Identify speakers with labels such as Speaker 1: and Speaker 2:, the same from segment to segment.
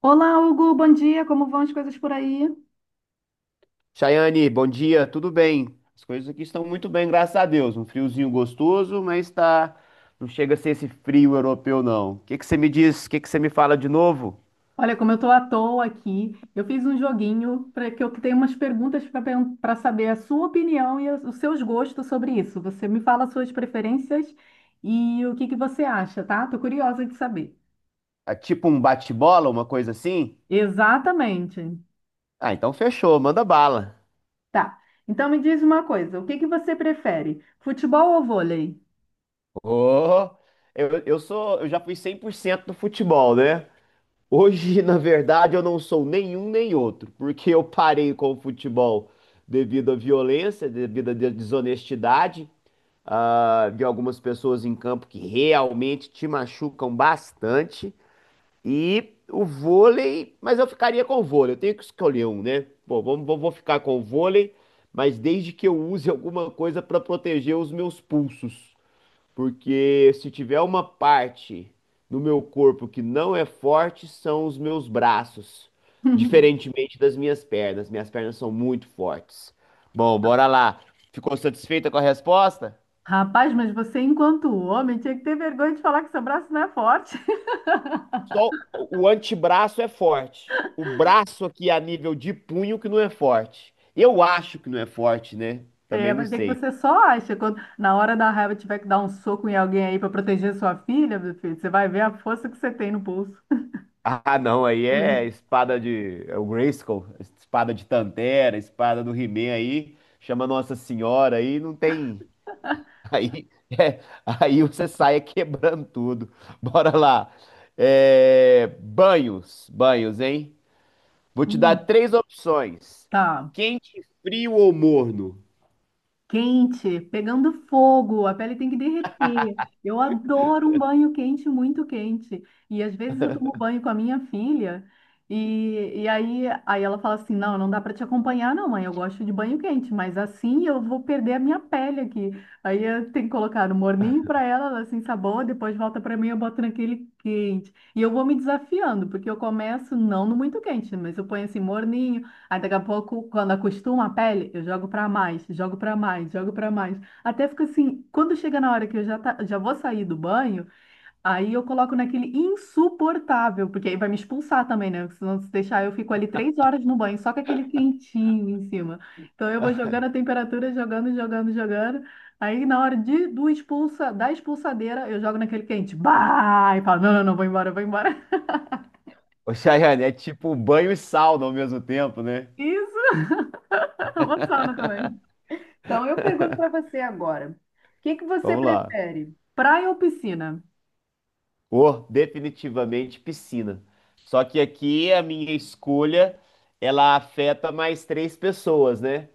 Speaker 1: Olá, Hugo, bom dia. Como vão as coisas por aí?
Speaker 2: Chayane, bom dia, tudo bem? As coisas aqui estão muito bem, graças a Deus. Um friozinho gostoso, mas tá não chega a ser esse frio europeu, não. O que que você me diz? O que que você me fala de novo?
Speaker 1: Olha, como eu estou à toa aqui, eu fiz um joguinho para que eu tenho umas perguntas para saber a sua opinião e os seus gostos sobre isso. Você me fala as suas preferências e o que que você acha, tá? Tô curiosa de saber.
Speaker 2: É tipo um bate-bola, uma coisa assim?
Speaker 1: Exatamente.
Speaker 2: Ah, então fechou, manda bala.
Speaker 1: Tá. Então me diz uma coisa, o que que você prefere? Futebol ou vôlei?
Speaker 2: Ô, eu sou, eu já fui 100% do futebol, né? Hoje, na verdade, eu não sou nenhum nem outro, porque eu parei com o futebol devido à violência, devido à desonestidade, de algumas pessoas em campo que realmente te machucam bastante. E o vôlei, mas eu ficaria com o vôlei, eu tenho que escolher um, né? Bom, vamos, vou ficar com o vôlei, mas desde que eu use alguma coisa para proteger os meus pulsos. Porque se tiver uma parte no meu corpo que não é forte, são os meus braços. Diferentemente das minhas pernas. Minhas pernas são muito fortes. Bom, bora lá. Ficou satisfeita com a resposta?
Speaker 1: Rapaz, mas você, enquanto homem, tinha que ter vergonha de falar que seu braço não é forte.
Speaker 2: Só o antebraço é forte. O braço aqui a nível de punho que não é forte. Eu acho que não é forte, né?
Speaker 1: É,
Speaker 2: Também não
Speaker 1: vai ver que
Speaker 2: sei.
Speaker 1: você só acha. Quando na hora da raiva tiver que dar um soco em alguém aí para proteger sua filha, meu filho, você vai ver a força que você tem no bolso.
Speaker 2: Ah, não, aí é
Speaker 1: Ui,
Speaker 2: espada de. É o Grayskull, espada de Tantera, espada do He-Man aí. Chama Nossa Senhora aí, não tem. Aí, é, aí você sai quebrando tudo. Bora lá. É, banhos, banhos, hein? Vou te dar
Speaker 1: hum,
Speaker 2: três opções:
Speaker 1: tá.
Speaker 2: quente, frio ou morno?
Speaker 1: Quente, pegando fogo, a pele tem que derreter. Eu adoro um banho quente, muito quente. E às vezes eu tomo banho com a minha filha e aí ela fala assim: Não, não dá para te acompanhar, não, mãe. Eu gosto de banho quente, mas assim eu vou perder a minha pele aqui. Aí eu tenho que colocar no morninho para ela, ela se ensaboa, depois volta para mim, eu boto naquele quente. E eu vou me desafiando, porque eu começo não no muito quente, mas eu ponho assim morninho. Aí daqui a pouco, quando acostuma a pele, eu jogo pra mais, jogo pra mais, jogo pra mais. Até fica assim, quando chega na hora que eu já vou sair do banho, aí eu coloco naquele insuportável, porque aí vai me expulsar também, né? Se não se deixar, eu fico ali 3 horas no banho, só com aquele quentinho em cima. Então eu vou jogando a temperatura, jogando, jogando, jogando. Aí na hora da expulsadeira, eu jogo naquele quente. Bah! E falo, não, não, não, vou embora, vou embora.
Speaker 2: Ô, Chayane, é tipo banho e sauna ao mesmo tempo, né?
Speaker 1: Isso, eu vou sauna também. Então, eu pergunto para você agora: o que que você
Speaker 2: Vamos lá.
Speaker 1: prefere, praia ou piscina?
Speaker 2: Ou definitivamente piscina. Só que aqui a minha escolha, ela afeta mais três pessoas, né?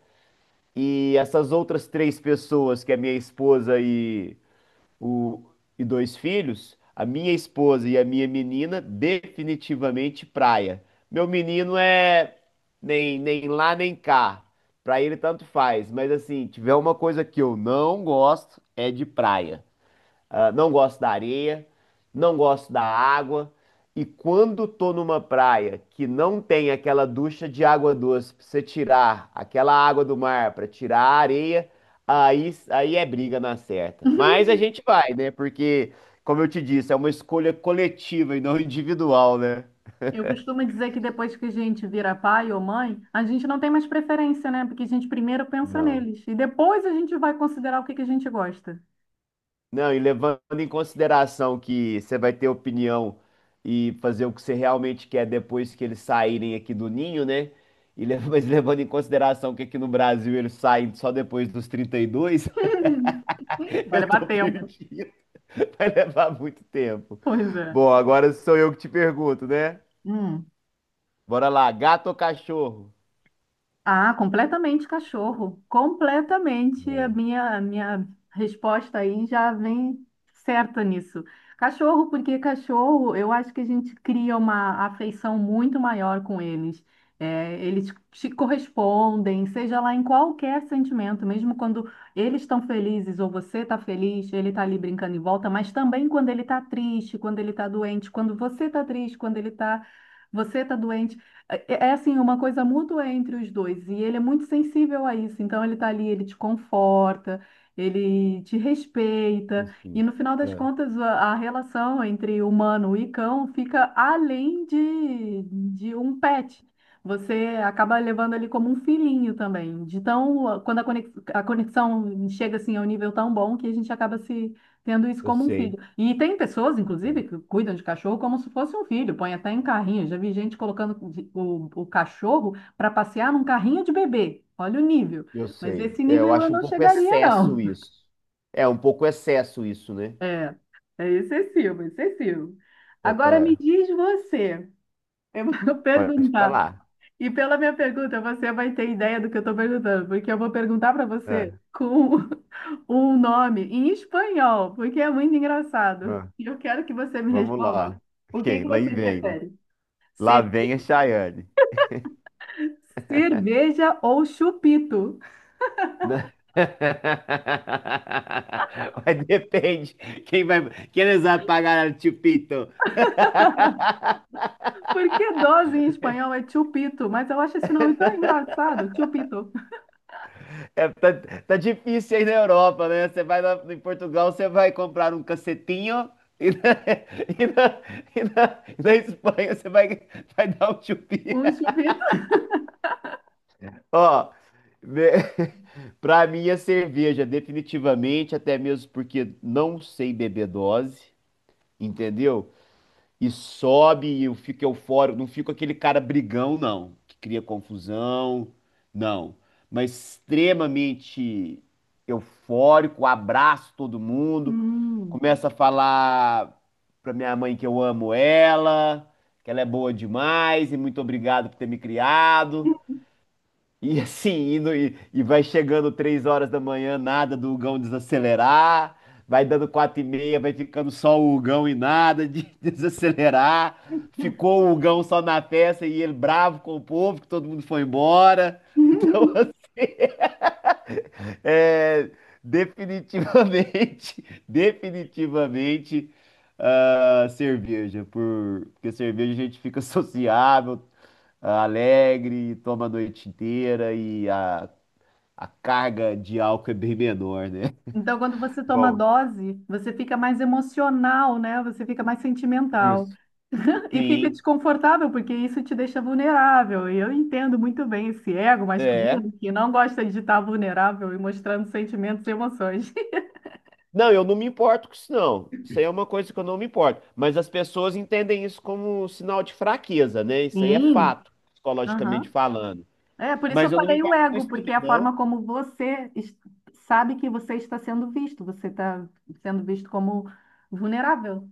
Speaker 2: E essas outras três pessoas, que é minha esposa e o- e dois filhos, a minha esposa e a minha menina, definitivamente praia. Meu menino é nem lá nem cá. Pra ele tanto faz, mas assim, tiver uma coisa que eu não gosto é de praia. Ah, não gosto da areia, não gosto da água. E quando tô numa praia que não tem aquela ducha de água doce pra você tirar aquela água do mar pra tirar a areia, aí é briga na certa. Mas a gente vai, né? Porque, como eu te disse, é uma escolha coletiva e não individual, né?
Speaker 1: Eu costumo dizer que depois que a gente vira pai ou mãe, a gente não tem mais preferência, né? Porque a gente primeiro pensa
Speaker 2: Não.
Speaker 1: neles e depois a gente vai considerar o que que a gente gosta.
Speaker 2: Não, e levando em consideração que você vai ter opinião e fazer o que você realmente quer depois que eles saírem aqui do ninho, né? E mas levando em consideração que aqui no Brasil eles saem só depois dos 32,
Speaker 1: Vai
Speaker 2: eu
Speaker 1: levar
Speaker 2: tô
Speaker 1: tempo.
Speaker 2: perdido. Vai levar muito tempo.
Speaker 1: Pois é.
Speaker 2: Bom, agora sou eu que te pergunto, né?
Speaker 1: Hum.
Speaker 2: Bora lá, gato ou cachorro?
Speaker 1: Ah, completamente cachorro. Completamente. A minha resposta aí já vem certa nisso. Cachorro, porque cachorro, eu acho que a gente cria uma afeição muito maior com eles. É, eles te correspondem, seja lá em qualquer sentimento, mesmo quando eles estão felizes ou você está feliz, ele está ali brincando em volta, mas também quando ele está triste, quando ele está doente, quando você está triste, quando ele está, você está doente. É assim, uma coisa mútua entre os dois, e ele é muito sensível a isso, então ele tá ali, ele te conforta, ele te
Speaker 2: Eu
Speaker 1: respeita,
Speaker 2: sim.
Speaker 1: e no final das
Speaker 2: É,
Speaker 1: contas a relação entre humano e cão fica além de um pet. Você acaba levando ele como um filhinho também. De tão, quando a conexão chega assim a um nível tão bom que a gente acaba se tendo isso
Speaker 2: eu
Speaker 1: como um filho.
Speaker 2: sei,
Speaker 1: E tem pessoas,
Speaker 2: é, é.
Speaker 1: inclusive, que cuidam de cachorro como se fosse um filho, põe até em carrinho. Já vi gente colocando o cachorro para passear num carrinho de bebê. Olha o nível.
Speaker 2: Eu
Speaker 1: Mas
Speaker 2: sei.
Speaker 1: esse
Speaker 2: É, eu
Speaker 1: nível eu
Speaker 2: acho um
Speaker 1: não
Speaker 2: pouco
Speaker 1: chegaria,
Speaker 2: excesso
Speaker 1: não.
Speaker 2: isso. É, um pouco excesso isso, né?
Speaker 1: É, é excessivo, excessivo. Agora me
Speaker 2: É,
Speaker 1: diz você, eu vou
Speaker 2: pode
Speaker 1: perguntar.
Speaker 2: falar.
Speaker 1: E pela minha pergunta, você vai ter ideia do que eu estou perguntando, porque eu vou perguntar para você
Speaker 2: É,
Speaker 1: com um nome em espanhol, porque é muito engraçado.
Speaker 2: é,
Speaker 1: E eu quero que você me
Speaker 2: vamos
Speaker 1: responda.
Speaker 2: lá.
Speaker 1: O que
Speaker 2: Ok,
Speaker 1: que
Speaker 2: lá e
Speaker 1: você
Speaker 2: vem.
Speaker 1: prefere?
Speaker 2: Lá
Speaker 1: Ser
Speaker 2: vem a Chayane.
Speaker 1: cerveja ou chupito?
Speaker 2: Né? Mas depende. Quem vai, quem eles vão pagar o Chupito?
Speaker 1: Porque dose em espanhol é chupito, mas eu acho esse nome tão engraçado, chupito.
Speaker 2: É, tá, tá difícil aí na Europa, né? Você vai lá em Portugal, você vai comprar um cacetinho e na, e na, e na- e na Espanha você vai, vai dar um chupinho.
Speaker 1: Um chupito?
Speaker 2: Ó, me- pra mim é cerveja, definitivamente, até mesmo porque não sei beber dose, entendeu? E sobe e eu fico eufórico, não fico aquele cara brigão, não, que cria confusão, não. Mas extremamente eufórico, abraço todo mundo,
Speaker 1: Hum.
Speaker 2: começa a falar pra minha mãe que eu amo ela, que ela é boa demais e muito obrigado por ter me criado. E assim, e vai chegando três horas da manhã, nada do Hugão desacelerar. Vai dando quatro e meia, vai ficando só o Hugão e nada de desacelerar. Ficou o Hugão só na festa e ele bravo com o povo, que todo mundo foi embora. Então, é, definitivamente, definitivamente, ah, cerveja. Porque cerveja a gente fica sociável, ah, alegre, toma a noite inteira e a carga de álcool é bem menor, né?
Speaker 1: Então, quando você toma
Speaker 2: Bom,
Speaker 1: dose, você fica mais emocional, né? Você fica mais sentimental.
Speaker 2: isso.
Speaker 1: E fica
Speaker 2: Sim,
Speaker 1: desconfortável, porque isso te deixa vulnerável. E eu entendo muito bem esse ego
Speaker 2: é.
Speaker 1: masculino que não gosta de estar vulnerável e mostrando sentimentos e emoções.
Speaker 2: Não, eu não me importo com isso, não. Isso aí é uma coisa que eu não me importo. Mas as pessoas entendem isso como um sinal de fraqueza, né? Isso aí é
Speaker 1: Sim,
Speaker 2: fato,
Speaker 1: aham.
Speaker 2: psicologicamente falando.
Speaker 1: É, por isso eu
Speaker 2: Mas eu não me
Speaker 1: falei o
Speaker 2: importo com
Speaker 1: ego,
Speaker 2: isso
Speaker 1: porque
Speaker 2: também,
Speaker 1: é a
Speaker 2: não.
Speaker 1: forma como você sabe que você está sendo visto. Você está sendo visto como vulnerável.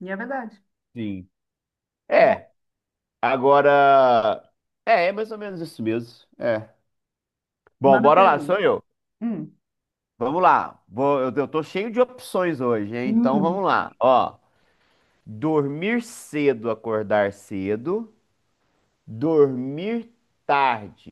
Speaker 1: E é verdade.
Speaker 2: Sim.
Speaker 1: Bom,
Speaker 2: É, agora. É, é mais ou menos isso mesmo. É. Bom,
Speaker 1: manda a
Speaker 2: bora lá, sou
Speaker 1: pergunta.
Speaker 2: eu.
Speaker 1: Hum.
Speaker 2: Vamos lá. Eu tô cheio de opções hoje, hein? Então vamos
Speaker 1: Hum,
Speaker 2: lá. Ó, dormir cedo, acordar cedo, dormir tarde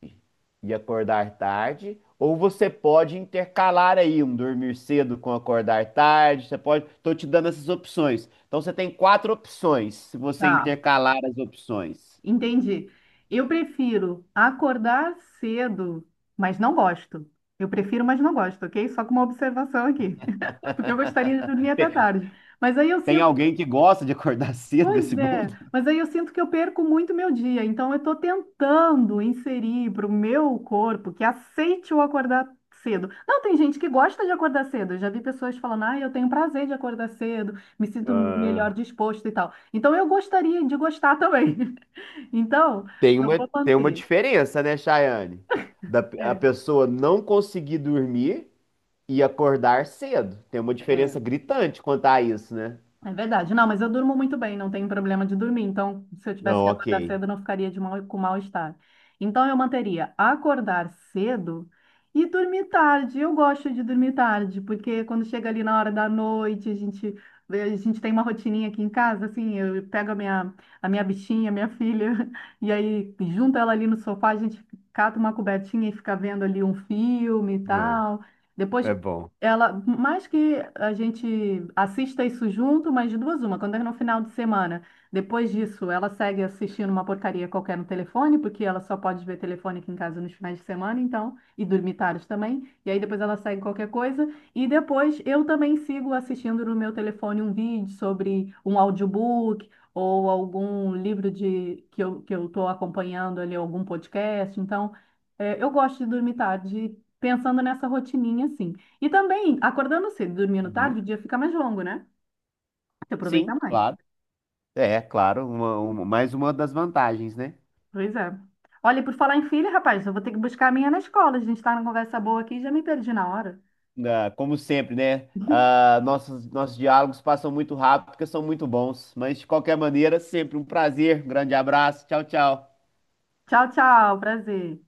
Speaker 2: e acordar tarde, ou você pode intercalar aí um dormir cedo com acordar tarde, você pode, tô te dando essas opções. Então você tem quatro opções, se você
Speaker 1: tá.
Speaker 2: intercalar as opções.
Speaker 1: Entendi. Eu prefiro acordar cedo, mas não gosto. Eu prefiro, mas não gosto, ok? Só com uma observação aqui. Porque eu gostaria de dormir até
Speaker 2: Tem,
Speaker 1: tarde. Mas aí eu
Speaker 2: tem
Speaker 1: sinto,
Speaker 2: alguém que gosta de acordar cedo
Speaker 1: pois
Speaker 2: desse
Speaker 1: é,
Speaker 2: mundo?
Speaker 1: mas aí eu sinto que eu perco muito meu dia. Então eu estou tentando inserir para o meu corpo que aceite o acordar cedo. Não, tem gente que gosta de acordar cedo. Eu já vi pessoas falando, ah, eu tenho prazer de acordar cedo, me sinto
Speaker 2: Ah,
Speaker 1: melhor disposto e tal. Então eu gostaria de gostar também. Então, eu vou
Speaker 2: tem uma
Speaker 1: manter.
Speaker 2: diferença, né, Chayane? A
Speaker 1: É,
Speaker 2: pessoa não conseguir dormir e acordar cedo. Tem uma
Speaker 1: é,
Speaker 2: diferença gritante quanto a isso, né?
Speaker 1: É verdade. Não, mas eu durmo muito bem, não tenho problema de dormir. Então, se eu tivesse
Speaker 2: Não,
Speaker 1: que
Speaker 2: ok.
Speaker 1: acordar cedo, eu não ficaria de mal, com mal-estar. Então, eu manteria acordar cedo e dormir tarde. Eu gosto de dormir tarde, porque quando chega ali na hora da noite, a gente tem uma rotininha aqui em casa, assim, eu pego a minha bichinha, a minha filha, e aí junto ela ali no sofá, a gente cata uma cobertinha e fica vendo ali um filme e
Speaker 2: É,
Speaker 1: tal. Depois
Speaker 2: é bom.
Speaker 1: ela, mais que a gente assista isso junto, mas de duas uma, quando é no final de semana, depois disso, ela segue assistindo uma porcaria qualquer no telefone, porque ela só pode ver telefone aqui em casa nos finais de semana, então, e dormir tarde também, e aí depois ela segue qualquer coisa, e depois eu também sigo assistindo no meu telefone um vídeo sobre um audiobook ou algum livro de que que eu estou acompanhando ali, algum podcast, então, eu gosto de dormir tarde, pensando nessa rotininha, assim. E também, acordando cedo e dormindo
Speaker 2: Uhum.
Speaker 1: tarde, o dia fica mais longo, né? Você aproveita
Speaker 2: Sim,
Speaker 1: mais.
Speaker 2: claro. É, claro, mais uma das vantagens, né?
Speaker 1: Pois é. Olha, e por falar em filha, rapaz, eu vou ter que buscar a minha na escola. A gente tá numa conversa boa aqui e já me perdi na hora.
Speaker 2: Ah, como sempre, né? Ah, nossos diálogos passam muito rápido porque são muito bons. Mas, de qualquer maneira, sempre um prazer. Um grande abraço. Tchau, tchau.
Speaker 1: Tchau, tchau. Prazer.